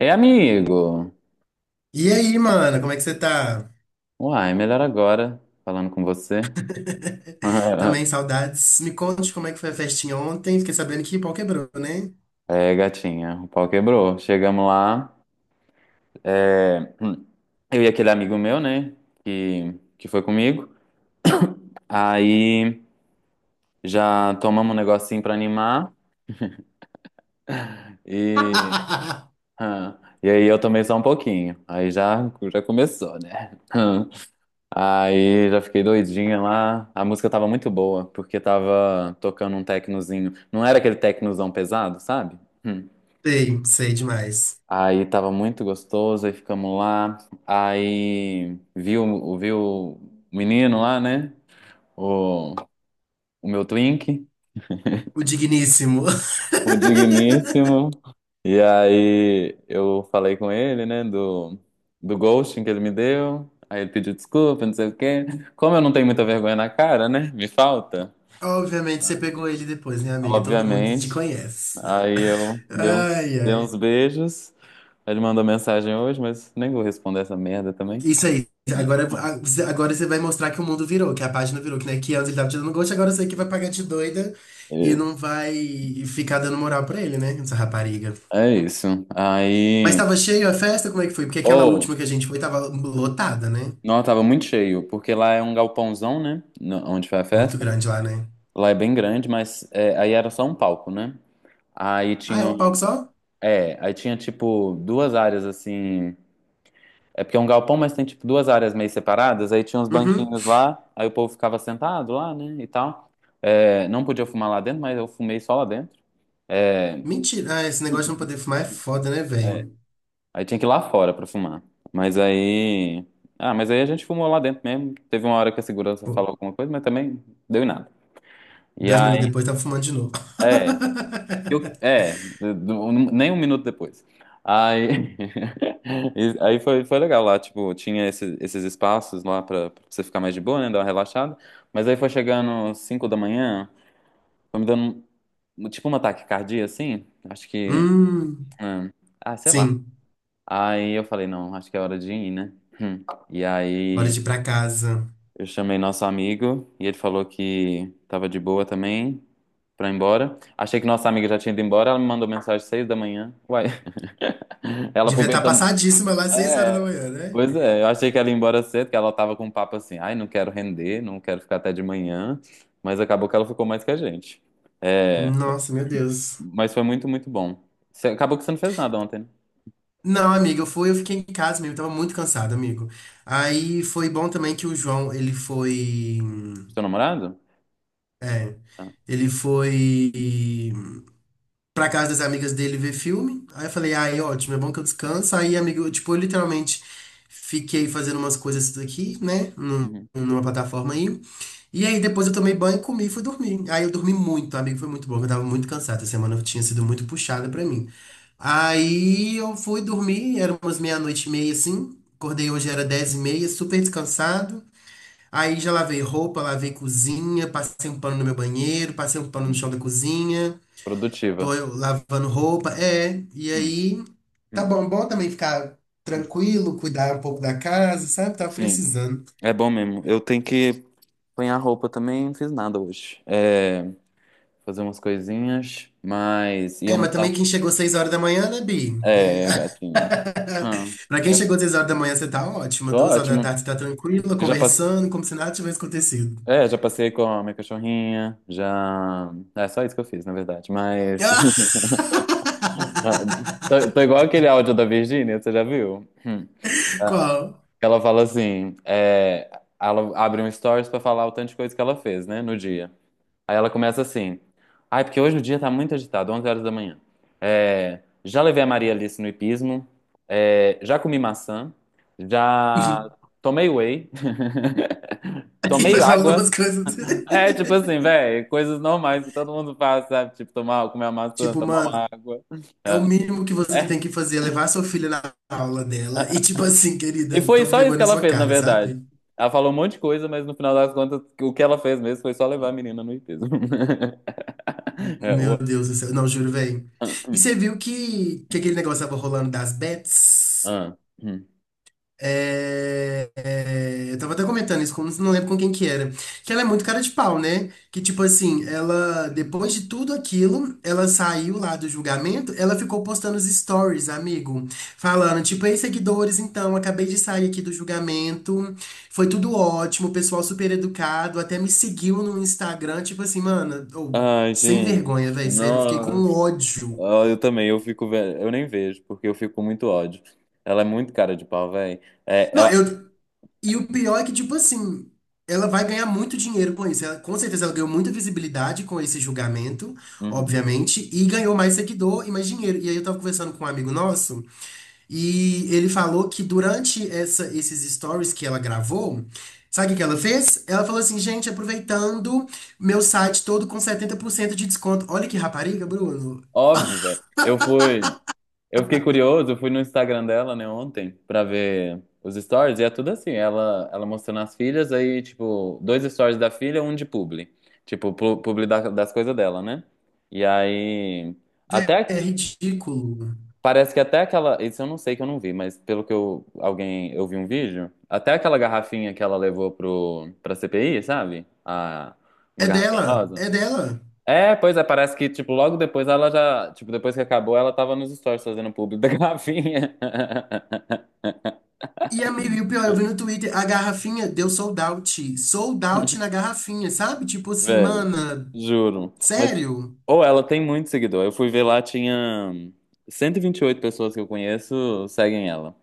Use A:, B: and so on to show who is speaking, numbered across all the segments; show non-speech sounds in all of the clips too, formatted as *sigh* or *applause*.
A: Ei, amigo!
B: E aí, mano, como é que você tá?
A: Uai, melhor agora, falando com você.
B: *laughs* Também
A: *laughs*
B: saudades. Me conte como é que foi a festinha ontem. Fiquei sabendo que pau quebrou, né?
A: É, gatinha, o pau quebrou. Chegamos lá, é, eu e aquele amigo meu, né, que, que foi comigo. Aí já tomamos um negocinho pra animar e,
B: *laughs*
A: *laughs* ah, e aí eu tomei só um pouquinho. Aí já começou, né? *laughs* Aí já fiquei doidinha lá. A música tava muito boa, porque tava tocando um tecnozinho. Não era aquele tecnozão pesado, sabe? Hum.
B: Sei, sei demais.
A: Aí tava muito gostoso, aí ficamos lá. Aí vi o menino lá, né? O, o meu twink,
B: O digníssimo. *laughs*
A: o digníssimo. E aí eu falei com ele, né? Do ghosting que ele me deu. Aí ele pediu desculpa, não sei o quê. Como eu não tenho muita vergonha na cara, né? Me falta,
B: Obviamente você pegou ele depois, né, amiga? Todo mundo te
A: obviamente.
B: conhece.
A: Aí eu dei uns,
B: Ai,
A: dei uns
B: ai.
A: beijos. Ele mandou mensagem hoje, mas nem vou responder essa merda também.
B: Isso aí. Agora, agora você vai mostrar que o mundo virou, que a página virou, que, né, que antes ele tava te dando gosto, agora você é que vai pagar de doida e
A: Né?
B: não vai ficar dando moral pra ele, né? Essa rapariga.
A: É isso.
B: Mas
A: Aí.
B: tava cheio a festa? Como é que foi? Porque aquela
A: Oh,
B: última que a gente foi tava lotada, né?
A: não, tava muito cheio, porque lá é um galpãozão, né? Onde foi a
B: Muito
A: festa.
B: grande lá, né?
A: Lá é bem grande, mas aí era só um palco, né? Aí
B: Ah, é
A: tinha.
B: um palco só?
A: Aí tinha tipo duas áreas assim. É porque é um galpão, mas tem tipo duas áreas meio separadas. Aí tinha uns
B: Uhum.
A: banquinhos lá, aí o povo ficava sentado lá, né? E tal. É, não podia fumar lá dentro, mas eu fumei só lá dentro. É,
B: Mentira. Ah, esse negócio de não poder fumar é foda, né,
A: é,
B: velho?
A: Aí tinha que ir lá fora pra fumar. Mas aí. Ah, mas aí a gente fumou lá dentro mesmo. Teve uma hora que a segurança
B: Pô,
A: falou alguma coisa, mas também deu em nada. E
B: 2 minutos
A: aí.
B: depois tava fumando de novo.
A: É. Eu,
B: *laughs*
A: é. Do- do- Nem um minuto depois. Aí. *laughs* Aí foi legal lá, tipo, tinha esses espaços lá pra você ficar mais de boa, né? Dar uma relaxada. Mas aí foi chegando 5 da manhã, foi me dando tipo um ataque cardíaco, assim. Acho que.
B: Hum,
A: Hum, Ah, sei lá.
B: sim.
A: Aí eu falei, não, acho que é hora de ir, né? Hum. E
B: Bora
A: aí
B: de ir pra casa.
A: eu chamei nosso amigo e ele falou que tava de boa também pra ir embora. Achei que nossa amiga já tinha ido embora, ela me mandou mensagem às 6 da manhã. Uai, *laughs* ela
B: Devia estar
A: aproveitando.
B: passadíssima lá às
A: É,
B: seis horas da
A: é.
B: manhã, né?
A: Pois é, eu achei que ela ia embora cedo, que ela tava com um papo assim, ai, não quero render, não quero ficar até de manhã, mas acabou que ela ficou mais que a gente. É,
B: Nossa, meu Deus.
A: mas foi muito, muito bom. Acabou que você não fez nada ontem, né?
B: Não, amiga, eu fui, eu fiquei em casa mesmo, tava muito cansado, amigo. Aí foi bom também que o João, ele foi.
A: Seu namorado? Ah,
B: Ele foi pra casa das amigas dele ver filme. Aí eu falei, ai, ótimo, é bom que eu descanso. Aí, amigo, eu, tipo, eu literalmente fiquei fazendo umas coisas aqui, né?
A: uhum.
B: Numa plataforma aí. E aí depois eu tomei banho, comi e fui dormir. Aí eu dormi muito, amigo, foi muito bom, porque eu tava muito cansado. Essa semana tinha sido muito puxada pra mim. Aí eu fui dormir, era umas meia-noite e meia, assim. Acordei hoje, era 10:30, super descansado. Aí já lavei roupa, lavei cozinha, passei um pano no meu banheiro, passei um pano no chão
A: Hum.
B: da cozinha, tô
A: Produtiva.
B: eu lavando roupa, é, e
A: Hum.
B: aí tá
A: Hum,
B: bom, bom também ficar
A: hum.
B: tranquilo, cuidar um pouco da casa, sabe? Tava
A: Sim,
B: precisando.
A: é bom mesmo. Eu tenho que apanhar roupa também, não fiz nada hoje. Fazer umas coisinhas, mas ia
B: É, mas
A: almoçar.
B: também quem chegou 6 horas da manhã, né, Bi?
A: É,
B: É.
A: gatinho. Ah,
B: *laughs* Pra
A: né?
B: quem chegou 6 horas da manhã, você tá ótima.
A: Tô
B: Duas horas da
A: ótimo.
B: tarde, você tá tranquila,
A: Eu já passei,
B: conversando, como se nada tivesse acontecido.
A: é, já passei com a minha cachorrinha, já. É só isso que eu fiz, na verdade. Mas
B: *laughs*
A: *laughs* tô igual aquele áudio da Virgínia, você já viu? Hum.
B: Qual?
A: Ela fala assim, ela abre um stories pra falar o tanto de coisa que ela fez, né, no dia. Aí ela começa assim. Ai, porque hoje o dia tá muito agitado, 11 horas da manhã. Já levei a Maria Alice no hipismo, já comi maçã, já tomei whey,
B: *laughs*
A: *laughs*
B: Aí
A: tomei
B: vai falando
A: água.
B: umas coisas.
A: É,
B: *laughs*
A: tipo assim, velho, coisas normais que todo mundo faz, sabe? Tipo, comer uma maçã,
B: Tipo,
A: tomar
B: mano,
A: uma água.
B: é o
A: É,
B: mínimo que você tem
A: é.
B: que fazer, é levar sua filha na aula dela e, tipo assim,
A: E
B: querida,
A: foi
B: toma
A: só isso
B: vergonha
A: que
B: na
A: ela
B: sua
A: fez, na
B: cara,
A: verdade.
B: sabe?
A: Ela falou um monte de coisa, mas no final das contas, o que ela fez mesmo foi só levar a menina no hipismo. *laughs* É,
B: Meu
A: o-
B: Deus do céu. Não, juro, velho. E
A: Ah,
B: você viu que aquele negócio tava rolando das
A: ah,
B: bets?
A: ah. hum."
B: É, é, eu tava até comentando isso, com, não lembro com quem que era. Que ela é muito cara de pau, né? Que tipo assim, ela, depois de tudo aquilo, ela saiu lá do julgamento, ela ficou postando os stories, amigo, falando, tipo, ei, seguidores, então, acabei de sair aqui do julgamento, foi tudo ótimo, o pessoal super educado, até me seguiu no Instagram, tipo assim, mano, ou
A: Ai,
B: sem vergonha,
A: gente,
B: velho, sério, eu fiquei com
A: nossa.
B: ódio.
A: Ah, eu também, eu nem vejo, porque eu fico com muito ódio. Ela é muito cara de pau, velho. É,
B: Não,
A: ela...
B: eu. E o pior é que, tipo assim, ela vai ganhar muito dinheiro com isso. Com certeza ela ganhou muita visibilidade com esse julgamento,
A: Uhum.
B: obviamente, e ganhou mais seguidor e mais dinheiro. E aí eu tava conversando com um amigo nosso, e ele falou que durante esses stories que ela gravou, sabe o que que ela fez? Ela falou assim, gente, aproveitando meu site todo com 70% de desconto. Olha que rapariga, Bruno.
A: Óbvio, velho. Eu fiquei curioso, eu fui no Instagram dela, né, ontem, pra ver os stories, e é tudo assim, ela mostrando as filhas, aí, tipo, dois stories da filha, um de publi. Tipo, publi das coisas dela, né? E aí,
B: É
A: até
B: ridículo.
A: parece que até aquela. Isso eu não sei que eu não vi, mas pelo que eu. Alguém. Eu vi um vídeo. Até aquela garrafinha que ela levou pra CPI, sabe? Uma
B: É
A: garrafinha
B: dela,
A: rosa.
B: é dela.
A: É, pois é, parece que, tipo, logo depois ela já. Tipo, depois que acabou, ela tava nos stories fazendo público da garrafinha.
B: E, amigo, e o pior, eu vi no Twitter, a garrafinha deu sold out. Sold out na
A: *laughs*
B: garrafinha, sabe? Tipo assim,
A: Véi,
B: mana,
A: juro. Mas,
B: sério?
A: ou ela tem muito seguidor. Eu fui ver lá, tinha cento e vinte e oito pessoas que eu conheço seguem ela.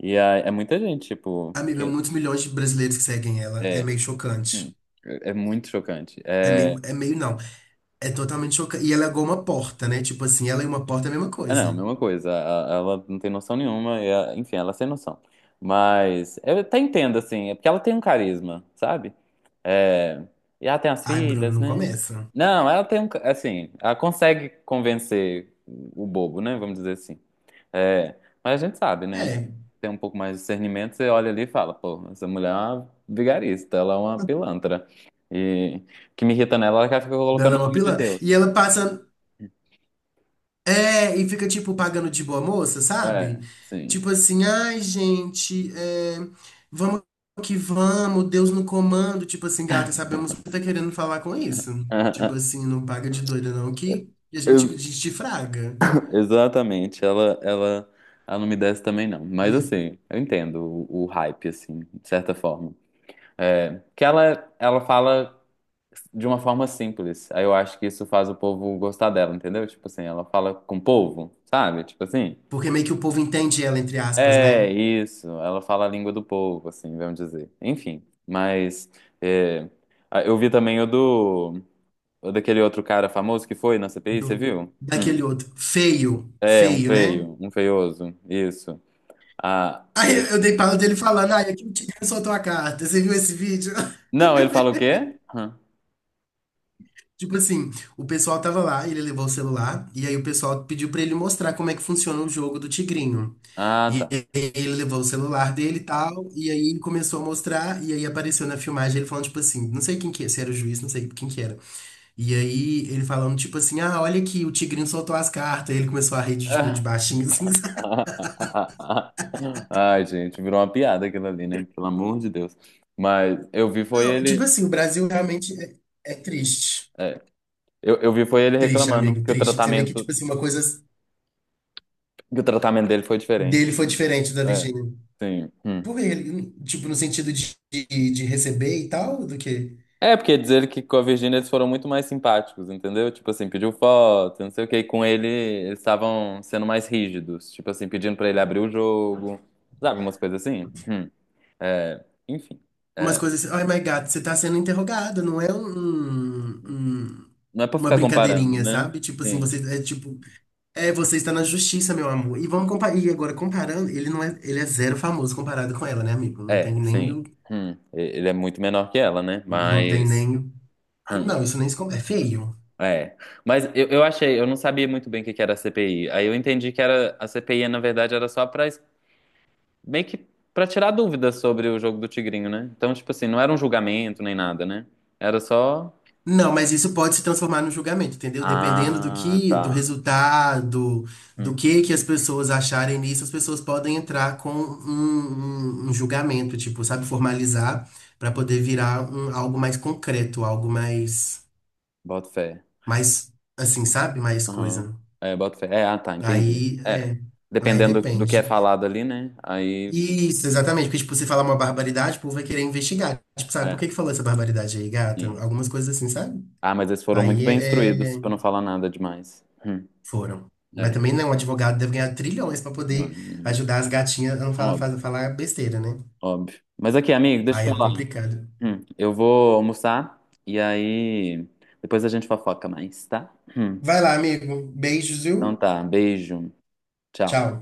A: E é muita gente, tipo.
B: Amiga, muitos milhões de brasileiros que seguem ela. É
A: É,
B: meio chocante.
A: hum, Muito chocante.
B: É meio não. É totalmente chocante. E ela é igual uma porta, né? Tipo assim, ela e uma porta é a mesma
A: Ah, não,
B: coisa.
A: mesma coisa. Ela não tem noção nenhuma. Enfim, ela é sem noção. Mas eu até entendo, assim. É porque ela tem um carisma, sabe? É, e ela tem as
B: Ai, Bruno,
A: filhas,
B: não
A: né?
B: começa.
A: Não, ela tem um. Ca- Assim, ela consegue convencer o bobo, né? Vamos dizer assim. É, mas a gente sabe, né?
B: É.
A: Tem um pouco mais de discernimento, você olha ali e fala, pô, essa mulher é uma vigarista, ela é uma pilantra. E o que me irrita nela é que ela fica
B: Ela
A: colocando
B: é
A: o
B: uma
A: nome de
B: pilantra. E
A: Deus.
B: ela passa. É, e fica tipo pagando de boa moça, sabe?
A: É, sim.
B: Tipo assim, ai gente, é, vamos que vamos, Deus no comando. Tipo assim, gata, sabemos o que tá querendo falar com isso. Tipo assim,
A: *laughs*
B: não paga de doida não, que a gente desfraga.
A: Exatamente, ela não me desce também não. Mas
B: E- é,
A: assim, eu entendo o hype, assim, de certa forma. É, que ela fala de uma forma simples. Aí eu acho que isso faz o povo gostar dela, entendeu? Tipo assim, ela fala com o povo, sabe? Tipo assim,
B: Porque meio que o povo entende ela, entre aspas, né?
A: é isso, ela fala a língua do povo, assim, vamos dizer. Enfim, mas é, eu vi também o daquele outro cara famoso que foi na CPI, você
B: Do,
A: viu? Hum.
B: Daquele outro. Feio,
A: É,
B: feio, né?
A: um feioso, isso. Ah,
B: Aí eu
A: ele-
B: eu dei pala dele falando, ai, aqui o tigre soltou a carta. Você viu esse vídeo?
A: Não, ele fala o quê?
B: Tipo assim, o pessoal tava lá, ele levou o celular, e aí o pessoal pediu pra ele mostrar como é que funciona o jogo do Tigrinho.
A: Ah,
B: E
A: tá.
B: aí ele levou o celular dele e tal, e aí ele começou a mostrar, e aí apareceu na filmagem ele falando, tipo assim, não sei quem que é, se era o juiz, não sei quem que era. E aí ele falando, tipo assim, ah, olha aqui, o Tigrinho soltou as cartas, e ele começou a rir, de, tipo, de baixinho, assim, *laughs* sabe?
A: *laughs* Ai, gente, virou uma piada aquilo ali, né? Pelo amor de Deus. Mas eu vi foi
B: Não, tipo
A: ele.
B: assim, o Brasil realmente é, é triste.
A: é, eu vi foi ele
B: Triste,
A: reclamando
B: amigo,
A: que o
B: triste. Porque você vê que,
A: tratamento,
B: tipo assim, uma coisa
A: que o tratamento dele foi
B: dele
A: diferente.
B: foi diferente da
A: É,
B: Virgínia.
A: sim. Hum.
B: Por ele, tipo, no sentido de receber e tal, do que
A: É, porque dizer que com a Virgínia eles foram muito mais simpáticos, entendeu? Tipo assim, pediu foto, não sei o que. E com ele eles estavam sendo mais rígidos. Tipo assim, pedindo pra ele abrir o jogo. Sabe, umas coisas assim? Hum. Enfim,
B: umas
A: é,
B: coisas assim, oh my God, você tá sendo interrogado, não é
A: não é pra
B: uma
A: ficar comparando,
B: brincadeirinha,
A: né?
B: sabe? Tipo assim,
A: Sim,
B: você é tipo, é, você está na justiça, meu amor. E vamos comparar, e agora comparando, ele não é, ele é zero famoso comparado com ela, né, amigo? Não tem nem
A: sim.
B: do,
A: Ele é muito menor que ela, né?
B: não tem
A: Mas,
B: nem,
A: hum,
B: não, isso nem se compara, é feio.
A: é. Mas eu achei, eu não sabia muito bem o que que era a CPI. Aí eu entendi que era a CPI, na verdade, era só pra meio que para tirar dúvidas sobre o jogo do Tigrinho, né? Então, tipo assim, não era um julgamento nem nada, né? Era só.
B: Não, mas isso pode se transformar num julgamento, entendeu? Dependendo do
A: Ah,
B: que, do
A: tá.
B: resultado, do
A: Hum,
B: que as pessoas acharem nisso, as pessoas podem entrar com um, um julgamento, tipo, sabe, formalizar para poder virar um- algo mais concreto, algo mais,
A: boto fé.
B: mais, assim, sabe, mais
A: Aham.
B: coisa.
A: É, boto fé. Ah, tá, entendi.
B: Aí,
A: É.
B: é, aí
A: Dependendo do que é
B: depende.
A: falado ali, né? Aí
B: Isso, exatamente, porque, tipo, você falar uma barbaridade, o povo vai querer investigar. Tipo, sabe, por
A: É,
B: que que falou essa barbaridade aí, gata?
A: sim.
B: Algumas coisas assim, sabe?
A: Ah, mas eles foram muito
B: Aí
A: bem
B: é.
A: instruídos, pra
B: É,
A: não falar nada demais.
B: foram. Mas
A: É,
B: também não, um advogado deve ganhar trilhões pra poder
A: Hum,
B: ajudar as gatinhas a não falar,
A: óbvio,
B: falar besteira, né?
A: óbvio. Mas aqui, amigo, deixa
B: Aí
A: eu
B: é
A: te falar.
B: complicado.
A: Eu vou almoçar e aí depois a gente fofoca mais, tá?
B: Vai lá, amigo. Beijos,
A: Então
B: viu?
A: tá, beijo, tchau.
B: Tchau.